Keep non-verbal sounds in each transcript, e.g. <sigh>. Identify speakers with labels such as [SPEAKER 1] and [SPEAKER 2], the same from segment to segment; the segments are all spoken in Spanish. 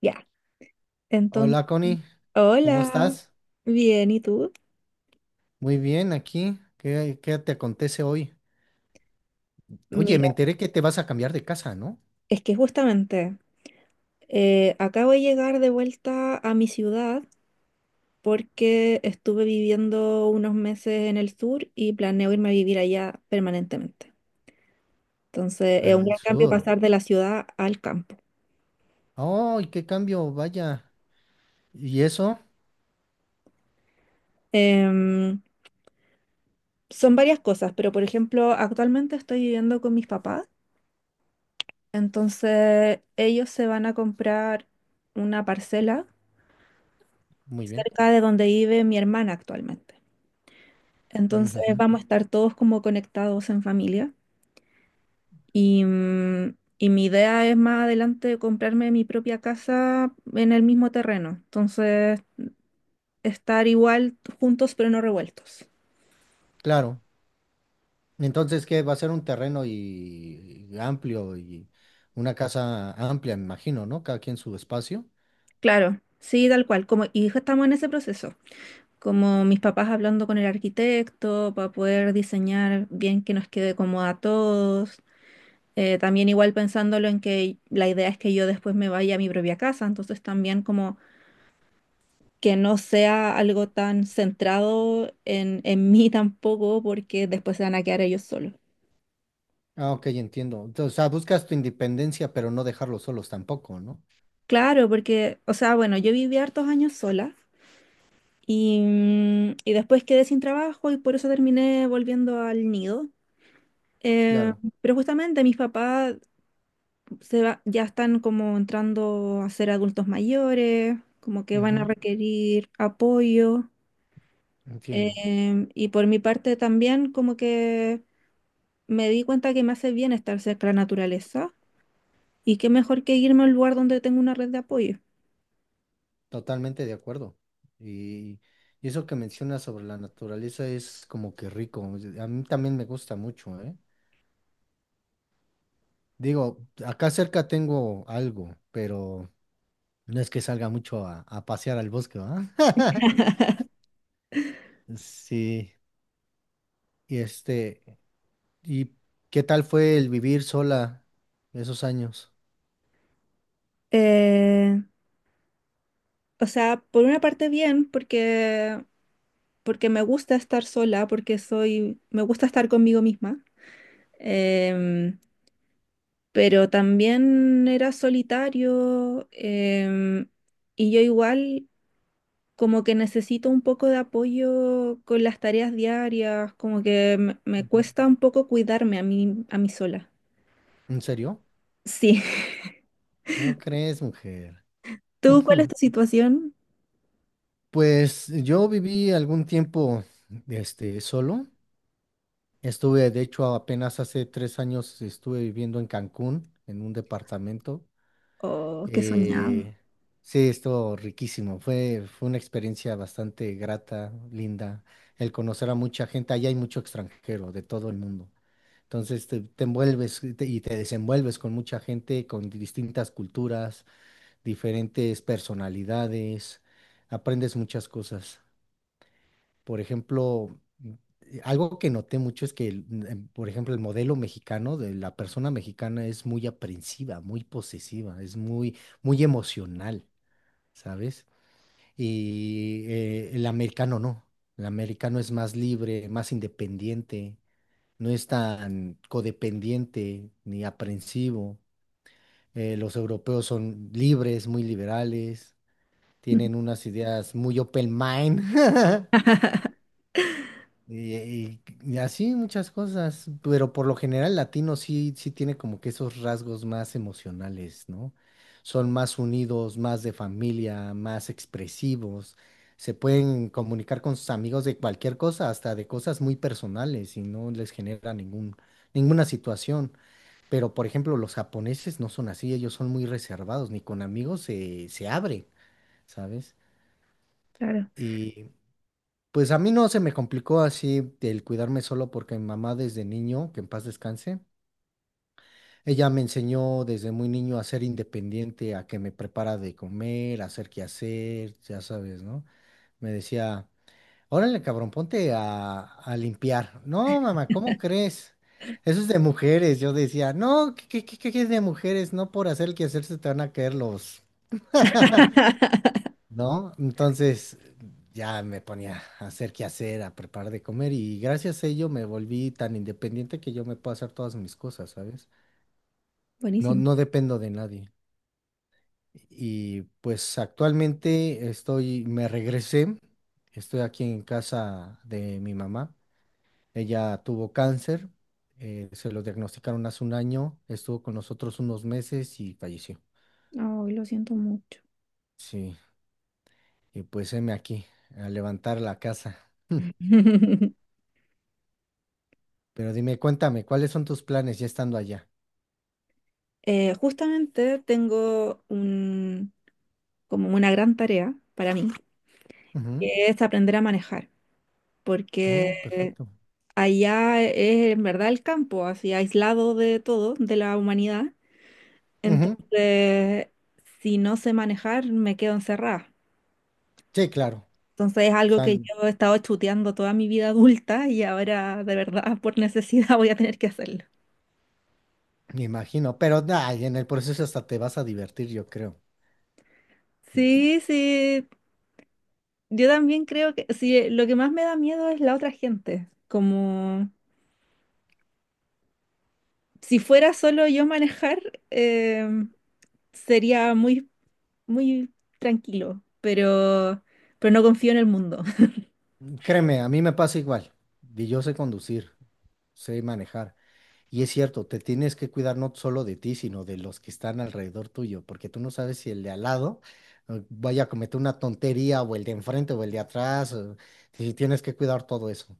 [SPEAKER 1] Ya, entonces,
[SPEAKER 2] Hola Connie, ¿cómo
[SPEAKER 1] hola,
[SPEAKER 2] estás?
[SPEAKER 1] bien, ¿y tú?
[SPEAKER 2] Muy bien, aquí. ¿Qué te acontece hoy? Oye, me
[SPEAKER 1] Mira,
[SPEAKER 2] enteré que te vas a cambiar de casa, ¿no?
[SPEAKER 1] es que justamente acabo de llegar de vuelta a mi ciudad porque estuve viviendo unos meses en el sur y planeo irme a vivir allá permanentemente. Entonces, es un
[SPEAKER 2] Al
[SPEAKER 1] gran cambio
[SPEAKER 2] sur.
[SPEAKER 1] pasar de la ciudad al campo.
[SPEAKER 2] ¡Ay, qué cambio! Vaya. ¿Y eso?
[SPEAKER 1] Em, Son varias cosas, pero por ejemplo, actualmente estoy viviendo con mis papás, entonces ellos se van a comprar una parcela
[SPEAKER 2] Muy bien.
[SPEAKER 1] cerca de donde vive mi hermana actualmente. Entonces
[SPEAKER 2] Ujujú.
[SPEAKER 1] vamos a estar todos como conectados en familia y mi idea es más adelante comprarme mi propia casa en el mismo terreno. Entonces estar igual juntos pero no revueltos.
[SPEAKER 2] Claro. Entonces, ¿qué? Va a ser un terreno y amplio y una casa amplia, me imagino, ¿no? Cada quien su espacio.
[SPEAKER 1] Claro, sí, tal cual. Como, y ya estamos en ese proceso. Como mis papás hablando con el arquitecto para poder diseñar bien que nos quede cómodo a todos. También igual pensándolo en que la idea es que yo después me vaya a mi propia casa, entonces también como que no sea algo tan centrado en <laughs> mí tampoco, porque después se van a quedar ellos solos.
[SPEAKER 2] Ah, ok, entiendo. Entonces, o sea, buscas tu independencia, pero no dejarlos solos tampoco, ¿no?
[SPEAKER 1] Claro, porque, o sea, bueno, yo viví hartos años sola y después quedé sin trabajo y por eso terminé volviendo al nido. Eh,
[SPEAKER 2] Claro.
[SPEAKER 1] pero justamente mis papás ya están como entrando a ser adultos mayores, como que van a
[SPEAKER 2] Ujú.
[SPEAKER 1] requerir apoyo.
[SPEAKER 2] Entiendo.
[SPEAKER 1] Y por mi parte también como que me di cuenta que me hace bien estar cerca de la naturaleza y qué mejor que irme a un lugar donde tengo una red de apoyo.
[SPEAKER 2] Totalmente de acuerdo. Y, y eso que mencionas sobre la naturaleza es como que rico. A mí también me gusta mucho, ¿eh? Digo, acá cerca tengo algo, pero no es que salga mucho a pasear al bosque, ¿verdad? <laughs> Sí. Y este, ¿y qué tal fue el vivir sola esos años?
[SPEAKER 1] Eh, o sea, por una parte bien porque, porque me gusta estar sola, porque soy, me gusta estar conmigo misma, em, pero también era solitario em, y yo igual como que necesito un poco de apoyo con las tareas diarias, como que me
[SPEAKER 2] Ujú.
[SPEAKER 1] cuesta un poco cuidarme a mí sola.
[SPEAKER 2] ¿En serio?
[SPEAKER 1] Sí. <laughs>
[SPEAKER 2] ¿Cómo crees, mujer?
[SPEAKER 1] ¿Tú cuál es tu
[SPEAKER 2] <laughs>
[SPEAKER 1] situación?
[SPEAKER 2] Pues yo viví algún tiempo, solo. Estuve, de hecho, apenas hace 3 años estuve viviendo en Cancún, en un departamento.
[SPEAKER 1] Oh, qué soñado.
[SPEAKER 2] Eh, sí, estuvo riquísimo. Fue una experiencia bastante grata, linda. El conocer a mucha gente. Allá hay mucho extranjero de todo el mundo. Entonces te envuelves y te desenvuelves con mucha gente, con distintas culturas, diferentes personalidades. Aprendes muchas cosas. Por ejemplo, algo que noté mucho es que, por ejemplo, el modelo mexicano de la persona mexicana es muy aprensiva, muy posesiva, es muy, muy emocional, ¿sabes? Y el americano no. El americano es más libre, más independiente, no es tan codependiente ni aprensivo. Los europeos son libres, muy liberales, tienen
[SPEAKER 1] <laughs>
[SPEAKER 2] unas ideas muy open mind. <laughs> Y así muchas cosas, pero por lo general latino sí, sí tiene como que esos rasgos más emocionales, ¿no? Son más unidos, más de familia, más expresivos, se pueden comunicar con sus amigos de cualquier cosa, hasta de cosas muy personales y no les genera ningún, ninguna situación. Pero por ejemplo, los japoneses no son así, ellos son muy reservados, ni con amigos se abren, ¿sabes?
[SPEAKER 1] Claro,
[SPEAKER 2] Pues a mí no se me complicó así el cuidarme solo porque mi mamá desde niño, que en paz descanse, ella me enseñó desde muy niño a ser independiente, a que me prepara de comer, a hacer qué hacer, ya sabes, ¿no? Me decía, órale, cabrón, ponte a limpiar. No, mamá, ¿cómo crees? Eso es de mujeres. Yo decía, no, ¿qué es de mujeres? No por hacer el quehacer se te van a caer los, ¿no? Entonces ya me ponía a hacer qué hacer, a preparar de comer y gracias a ello me volví tan independiente que yo me puedo hacer todas mis cosas, ¿sabes? No,
[SPEAKER 1] buenísimo.
[SPEAKER 2] no dependo de nadie. Y pues actualmente estoy, me regresé, estoy aquí en casa de mi mamá. Ella tuvo cáncer, se lo diagnosticaron hace un año, estuvo con nosotros unos meses y falleció.
[SPEAKER 1] Oh, lo siento mucho.
[SPEAKER 2] Sí, y pues heme aquí, a levantar la casa. <laughs>
[SPEAKER 1] <laughs>
[SPEAKER 2] Pero dime, cuéntame, ¿cuáles son tus planes ya estando allá?
[SPEAKER 1] Justamente como una gran tarea para mí,
[SPEAKER 2] Ujú.
[SPEAKER 1] que es aprender a manejar, porque
[SPEAKER 2] Oh, perfecto.
[SPEAKER 1] allá es en verdad el campo, así aislado de todo, de la humanidad.
[SPEAKER 2] Ujú.
[SPEAKER 1] Entonces, si no sé manejar, me quedo encerrada.
[SPEAKER 2] Sí, claro.
[SPEAKER 1] Entonces es
[SPEAKER 2] O
[SPEAKER 1] algo
[SPEAKER 2] sea,
[SPEAKER 1] que yo he estado chuteando toda mi vida adulta y ahora de verdad por necesidad <laughs> voy a tener que hacerlo.
[SPEAKER 2] me imagino, pero ay, en el proceso hasta te vas a divertir, yo creo.
[SPEAKER 1] Sí, yo también creo que sí, lo que más me da miedo es la otra gente. Como si fuera solo yo manejar, em, sería muy tranquilo, pero no confío en el mundo.
[SPEAKER 2] Créeme, a mí me pasa igual. Y yo sé conducir, sé manejar. Y es cierto, te tienes que cuidar no solo de ti, sino de los que están alrededor tuyo, porque tú no sabes si el de al lado vaya a cometer una tontería, o el de enfrente, o el de atrás. Y tienes que cuidar todo eso.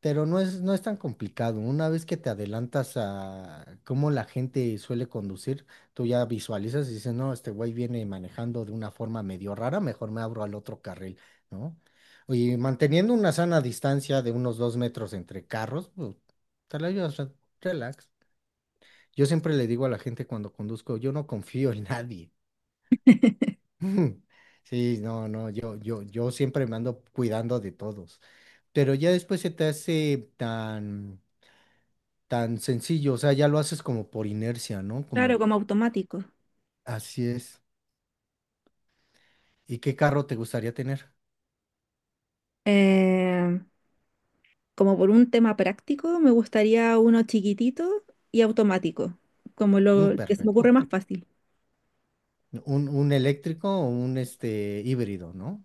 [SPEAKER 2] Pero no es tan complicado. Una vez que te adelantas a cómo la gente suele conducir, tú ya visualizas y dices, no, este güey viene manejando de una forma medio rara, mejor me abro al otro carril, ¿no? Y manteniendo una sana distancia de unos 2 metros entre carros, pues, te la llevas relax. Yo siempre le digo a la gente cuando conduzco, yo no confío en nadie.
[SPEAKER 1] <laughs>
[SPEAKER 2] <laughs> Sí, no, no, yo siempre me ando cuidando de todos. Pero ya después se te hace tan tan sencillo, o sea, ya lo haces como por inercia, ¿no?
[SPEAKER 1] Claro,
[SPEAKER 2] Como
[SPEAKER 1] como automático. <laughs>
[SPEAKER 2] así es. ¿Y qué carro te gustaría tener?
[SPEAKER 1] Em, Como por un tema práctico, me gustaría uno chiquitito y automático, como
[SPEAKER 2] Mm,
[SPEAKER 1] lo que se me ocurre
[SPEAKER 2] perfecto.
[SPEAKER 1] más fácil.
[SPEAKER 2] Un eléctrico o un híbrido, ¿no?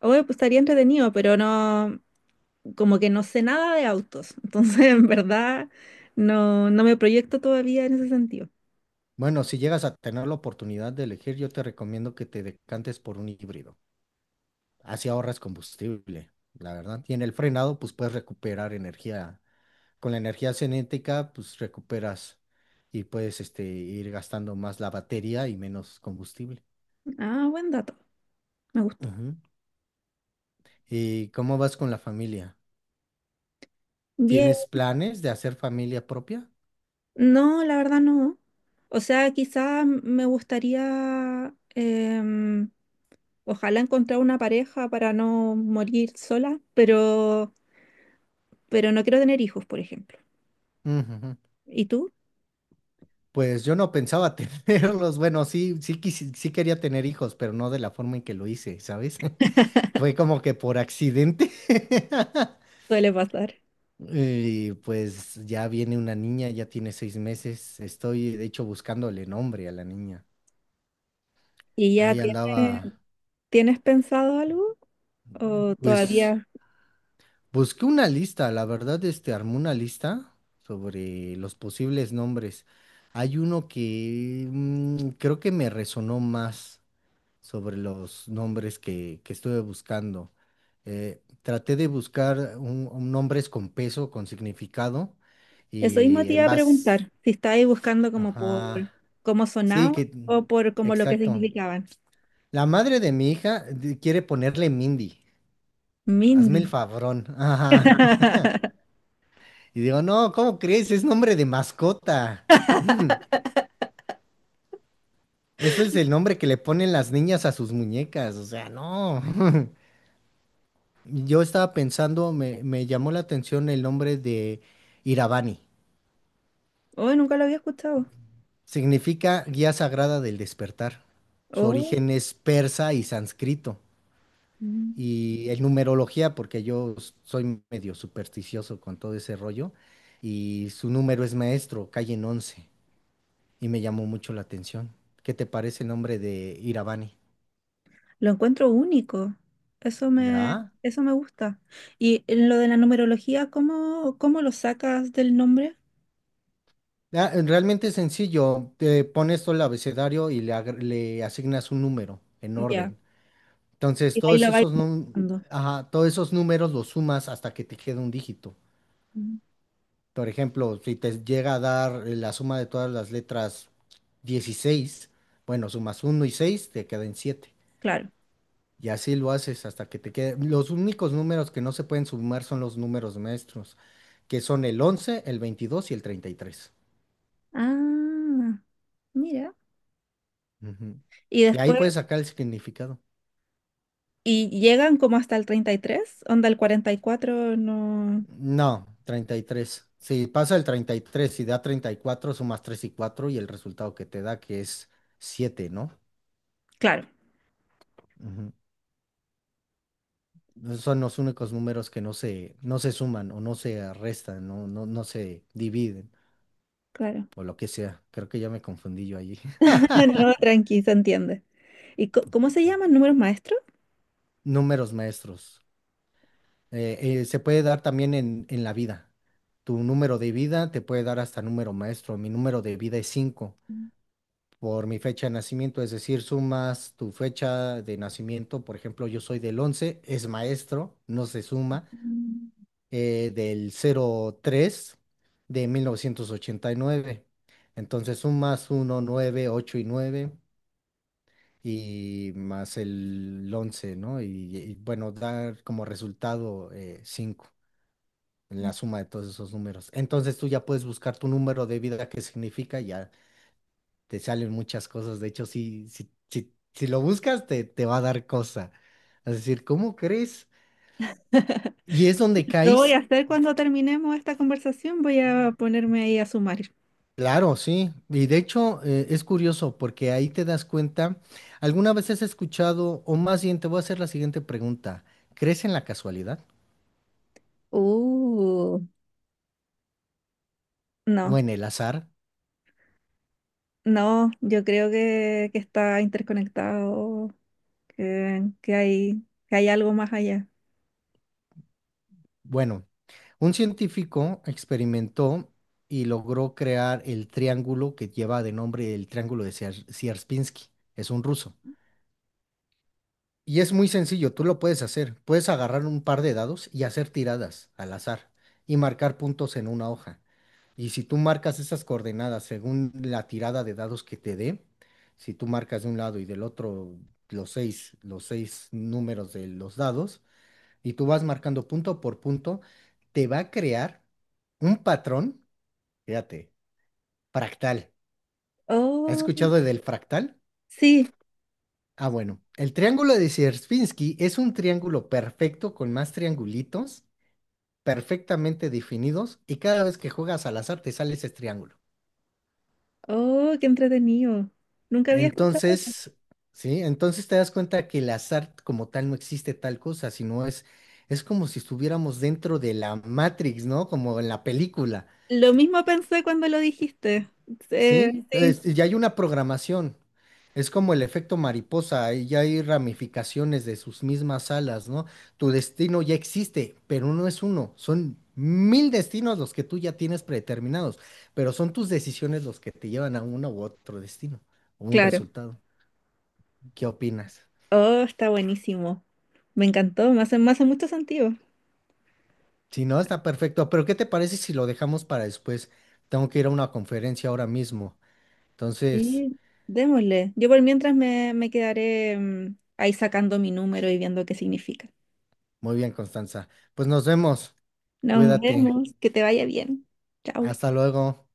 [SPEAKER 1] Obvio, pues, estaría entretenido, pero no, como que no sé nada de autos, entonces <laughs> en verdad no me proyecto todavía en ese sentido.
[SPEAKER 2] Bueno, si llegas a tener la oportunidad de elegir, yo te recomiendo que te decantes por un híbrido. Así ahorras combustible, la verdad. Y en el frenado, pues puedes recuperar energía. Con la energía cinética, pues recuperas y puedes ir gastando más la batería y menos combustible.
[SPEAKER 1] Ah, buen dato, me gustó.
[SPEAKER 2] Ujú. ¿Y cómo vas con la familia?
[SPEAKER 1] Bien,
[SPEAKER 2] ¿Tienes planes de hacer familia propia?
[SPEAKER 1] no, la verdad no. O sea, quizá me gustaría, ojalá encontrar una pareja para no morir sola, pero no quiero tener hijos, por ejemplo.
[SPEAKER 2] Ujujú.
[SPEAKER 1] ¿Y tú?
[SPEAKER 2] Pues yo no pensaba <laughs> tenerlos. Bueno, sí quería tener hijos, pero no de la forma en que lo hice, ¿sabes? <laughs> Fue como que por accidente. <laughs>
[SPEAKER 1] Suele pasar.
[SPEAKER 2] Y pues ya viene una niña, ya tiene 6 meses. Estoy, de hecho, buscándole nombre a la niña.
[SPEAKER 1] ¿Y ya
[SPEAKER 2] Ahí
[SPEAKER 1] tienes,
[SPEAKER 2] andaba,
[SPEAKER 1] tienes pensado algo? ¿O
[SPEAKER 2] pues
[SPEAKER 1] todavía?
[SPEAKER 2] busqué una lista, la verdad, armé una lista sobre los posibles nombres. Hay uno que creo que me resonó más sobre los nombres que estuve buscando. Traté de buscar un nombres con peso, con significado,
[SPEAKER 1] Eso mismo
[SPEAKER 2] y
[SPEAKER 1] te
[SPEAKER 2] en
[SPEAKER 1] iba a
[SPEAKER 2] base...
[SPEAKER 1] preguntar, si estabais buscando como por
[SPEAKER 2] Ajá.
[SPEAKER 1] cómo
[SPEAKER 2] Sí,
[SPEAKER 1] sonaba
[SPEAKER 2] que...
[SPEAKER 1] o por como lo que
[SPEAKER 2] Exacto.
[SPEAKER 1] significaban.
[SPEAKER 2] La madre de mi hija quiere ponerle Mindy. Hazme
[SPEAKER 1] Mindy.
[SPEAKER 2] el favorón. Ajá.
[SPEAKER 1] <laughs>
[SPEAKER 2] Y digo, no, ¿cómo crees? Es nombre de mascota. <laughs> Eso es el nombre que le ponen las niñas a sus muñecas, o sea, no. <laughs> Yo estaba pensando, me llamó la atención el nombre de Iravani.
[SPEAKER 1] Oh, nunca lo había escuchado.
[SPEAKER 2] Significa guía sagrada del despertar. Su
[SPEAKER 1] Oh,
[SPEAKER 2] origen es persa y sánscrito.
[SPEAKER 1] mm,
[SPEAKER 2] Y en numerología, porque yo soy medio supersticioso con todo ese rollo, y su número es maestro, calle en 11 y me llamó mucho la atención. ¿Qué te parece el nombre de Iravani?
[SPEAKER 1] lo encuentro único.
[SPEAKER 2] ¿Verdad?
[SPEAKER 1] Eso me gusta. Y en lo de la numerología, ¿cómo lo sacas del nombre?
[SPEAKER 2] Ah, realmente es sencillo, te pones todo el abecedario y le asignas un número en
[SPEAKER 1] Ya.
[SPEAKER 2] orden. Entonces,
[SPEAKER 1] Y ahí lo vais buscando.
[SPEAKER 2] ajá, todos esos números los sumas hasta que te quede un dígito.
[SPEAKER 1] Mm,
[SPEAKER 2] Por ejemplo, si te llega a dar la suma de todas las letras 16, bueno, sumas uno y 6 te quedan siete.
[SPEAKER 1] Claro.
[SPEAKER 2] Y así lo haces hasta que te quede. Los únicos números que no se pueden sumar son los números maestros, que son el 11, el 22 y el 33.
[SPEAKER 1] Ah, mira.
[SPEAKER 2] Ujú.
[SPEAKER 1] Y
[SPEAKER 2] Y ahí
[SPEAKER 1] después
[SPEAKER 2] puedes sacar el significado.
[SPEAKER 1] y llegan como hasta el 33 onda el 44 no.
[SPEAKER 2] No, 33. Si pasa el 33 y da 34, sumas 3 y 4 y el resultado que te da, que es siete, ¿no?
[SPEAKER 1] Claro,
[SPEAKER 2] Ujú. Esos son los únicos números que no se suman o no se restan, no, no, no se dividen
[SPEAKER 1] claro.
[SPEAKER 2] o lo que sea. Creo que ya me confundí yo allí.
[SPEAKER 1] <laughs> No,
[SPEAKER 2] <laughs>
[SPEAKER 1] tranqui, se entiende. ¿Y cómo se llaman números maestros?
[SPEAKER 2] Números maestros. Se puede dar también en, la vida. Tu número de vida te puede dar hasta número maestro. Mi número de vida es 5 por mi fecha de nacimiento, es decir, sumas tu fecha de nacimiento. Por ejemplo, yo soy del 11, es maestro, no se suma,
[SPEAKER 1] Mm.
[SPEAKER 2] del 03 de 1989. Entonces sumas uno 9 8 y 9 y más el 11, ¿no? Bueno, dar como resultado cinco, la suma de todos esos números. Entonces tú ya puedes buscar tu número de vida, qué significa, ya te salen muchas cosas. De hecho, si lo buscas, te va a dar cosa. Es decir, ¿cómo crees? Y es donde
[SPEAKER 1] Lo voy a
[SPEAKER 2] caes.
[SPEAKER 1] hacer cuando terminemos esta conversación, voy a ponerme ahí a sumar.
[SPEAKER 2] Claro, sí. Y de hecho, es curioso porque ahí te das cuenta. ¿Alguna vez has escuchado, o más bien te voy a hacer la siguiente pregunta? ¿Crees en la casualidad
[SPEAKER 1] Uh,
[SPEAKER 2] o
[SPEAKER 1] No,
[SPEAKER 2] en el azar?
[SPEAKER 1] no, yo creo que está interconectado, que hay algo más allá.
[SPEAKER 2] Bueno, un científico experimentó y logró crear el triángulo que lleva de nombre el triángulo de Sierpinski. Es un ruso. Y es muy sencillo, tú lo puedes hacer. Puedes agarrar un par de dados y hacer tiradas al azar y marcar puntos en una hoja. Y si tú marcas esas coordenadas según la tirada de dados que te dé, si tú marcas de un lado y del otro los seis números de los dados, y tú vas marcando punto por punto, te va a crear un patrón, fíjate, fractal. ¿Has
[SPEAKER 1] Oh,
[SPEAKER 2] escuchado del fractal?
[SPEAKER 1] sí,
[SPEAKER 2] Ah, bueno, el triángulo de Sierpinski es un triángulo perfecto con más triangulitos perfectamente definidos y cada vez que juegas al azar te sale ese triángulo.
[SPEAKER 1] oh, qué entretenido. Nunca había escuchado.
[SPEAKER 2] Entonces, sí, entonces te das cuenta que el azar como tal no existe tal cosa, sino es como si estuviéramos dentro de la Matrix, ¿no? Como en la película.
[SPEAKER 1] Lo mismo pensé cuando lo dijiste.
[SPEAKER 2] Sí,
[SPEAKER 1] Sí,
[SPEAKER 2] ya hay una programación. Es como el efecto mariposa, ahí ya hay ramificaciones de sus mismas alas, ¿no? Tu destino ya existe, pero no es uno, son mil destinos los que tú ya tienes predeterminados, pero son tus decisiones los que te llevan a uno u otro destino o un
[SPEAKER 1] claro.
[SPEAKER 2] resultado. ¿Qué opinas?
[SPEAKER 1] Oh, está buenísimo. Me encantó, me hace mucho sentido.
[SPEAKER 2] Si no, está perfecto, pero ¿qué te parece si lo dejamos para después? Tengo que ir a una conferencia ahora mismo. Entonces,
[SPEAKER 1] Sí, démosle. Yo por mientras me quedaré ahí sacando mi número y viendo qué significa.
[SPEAKER 2] muy bien, Constanza. Pues nos vemos,
[SPEAKER 1] Nos
[SPEAKER 2] cuídate,
[SPEAKER 1] vemos, que te vaya bien. Chao.
[SPEAKER 2] hasta luego.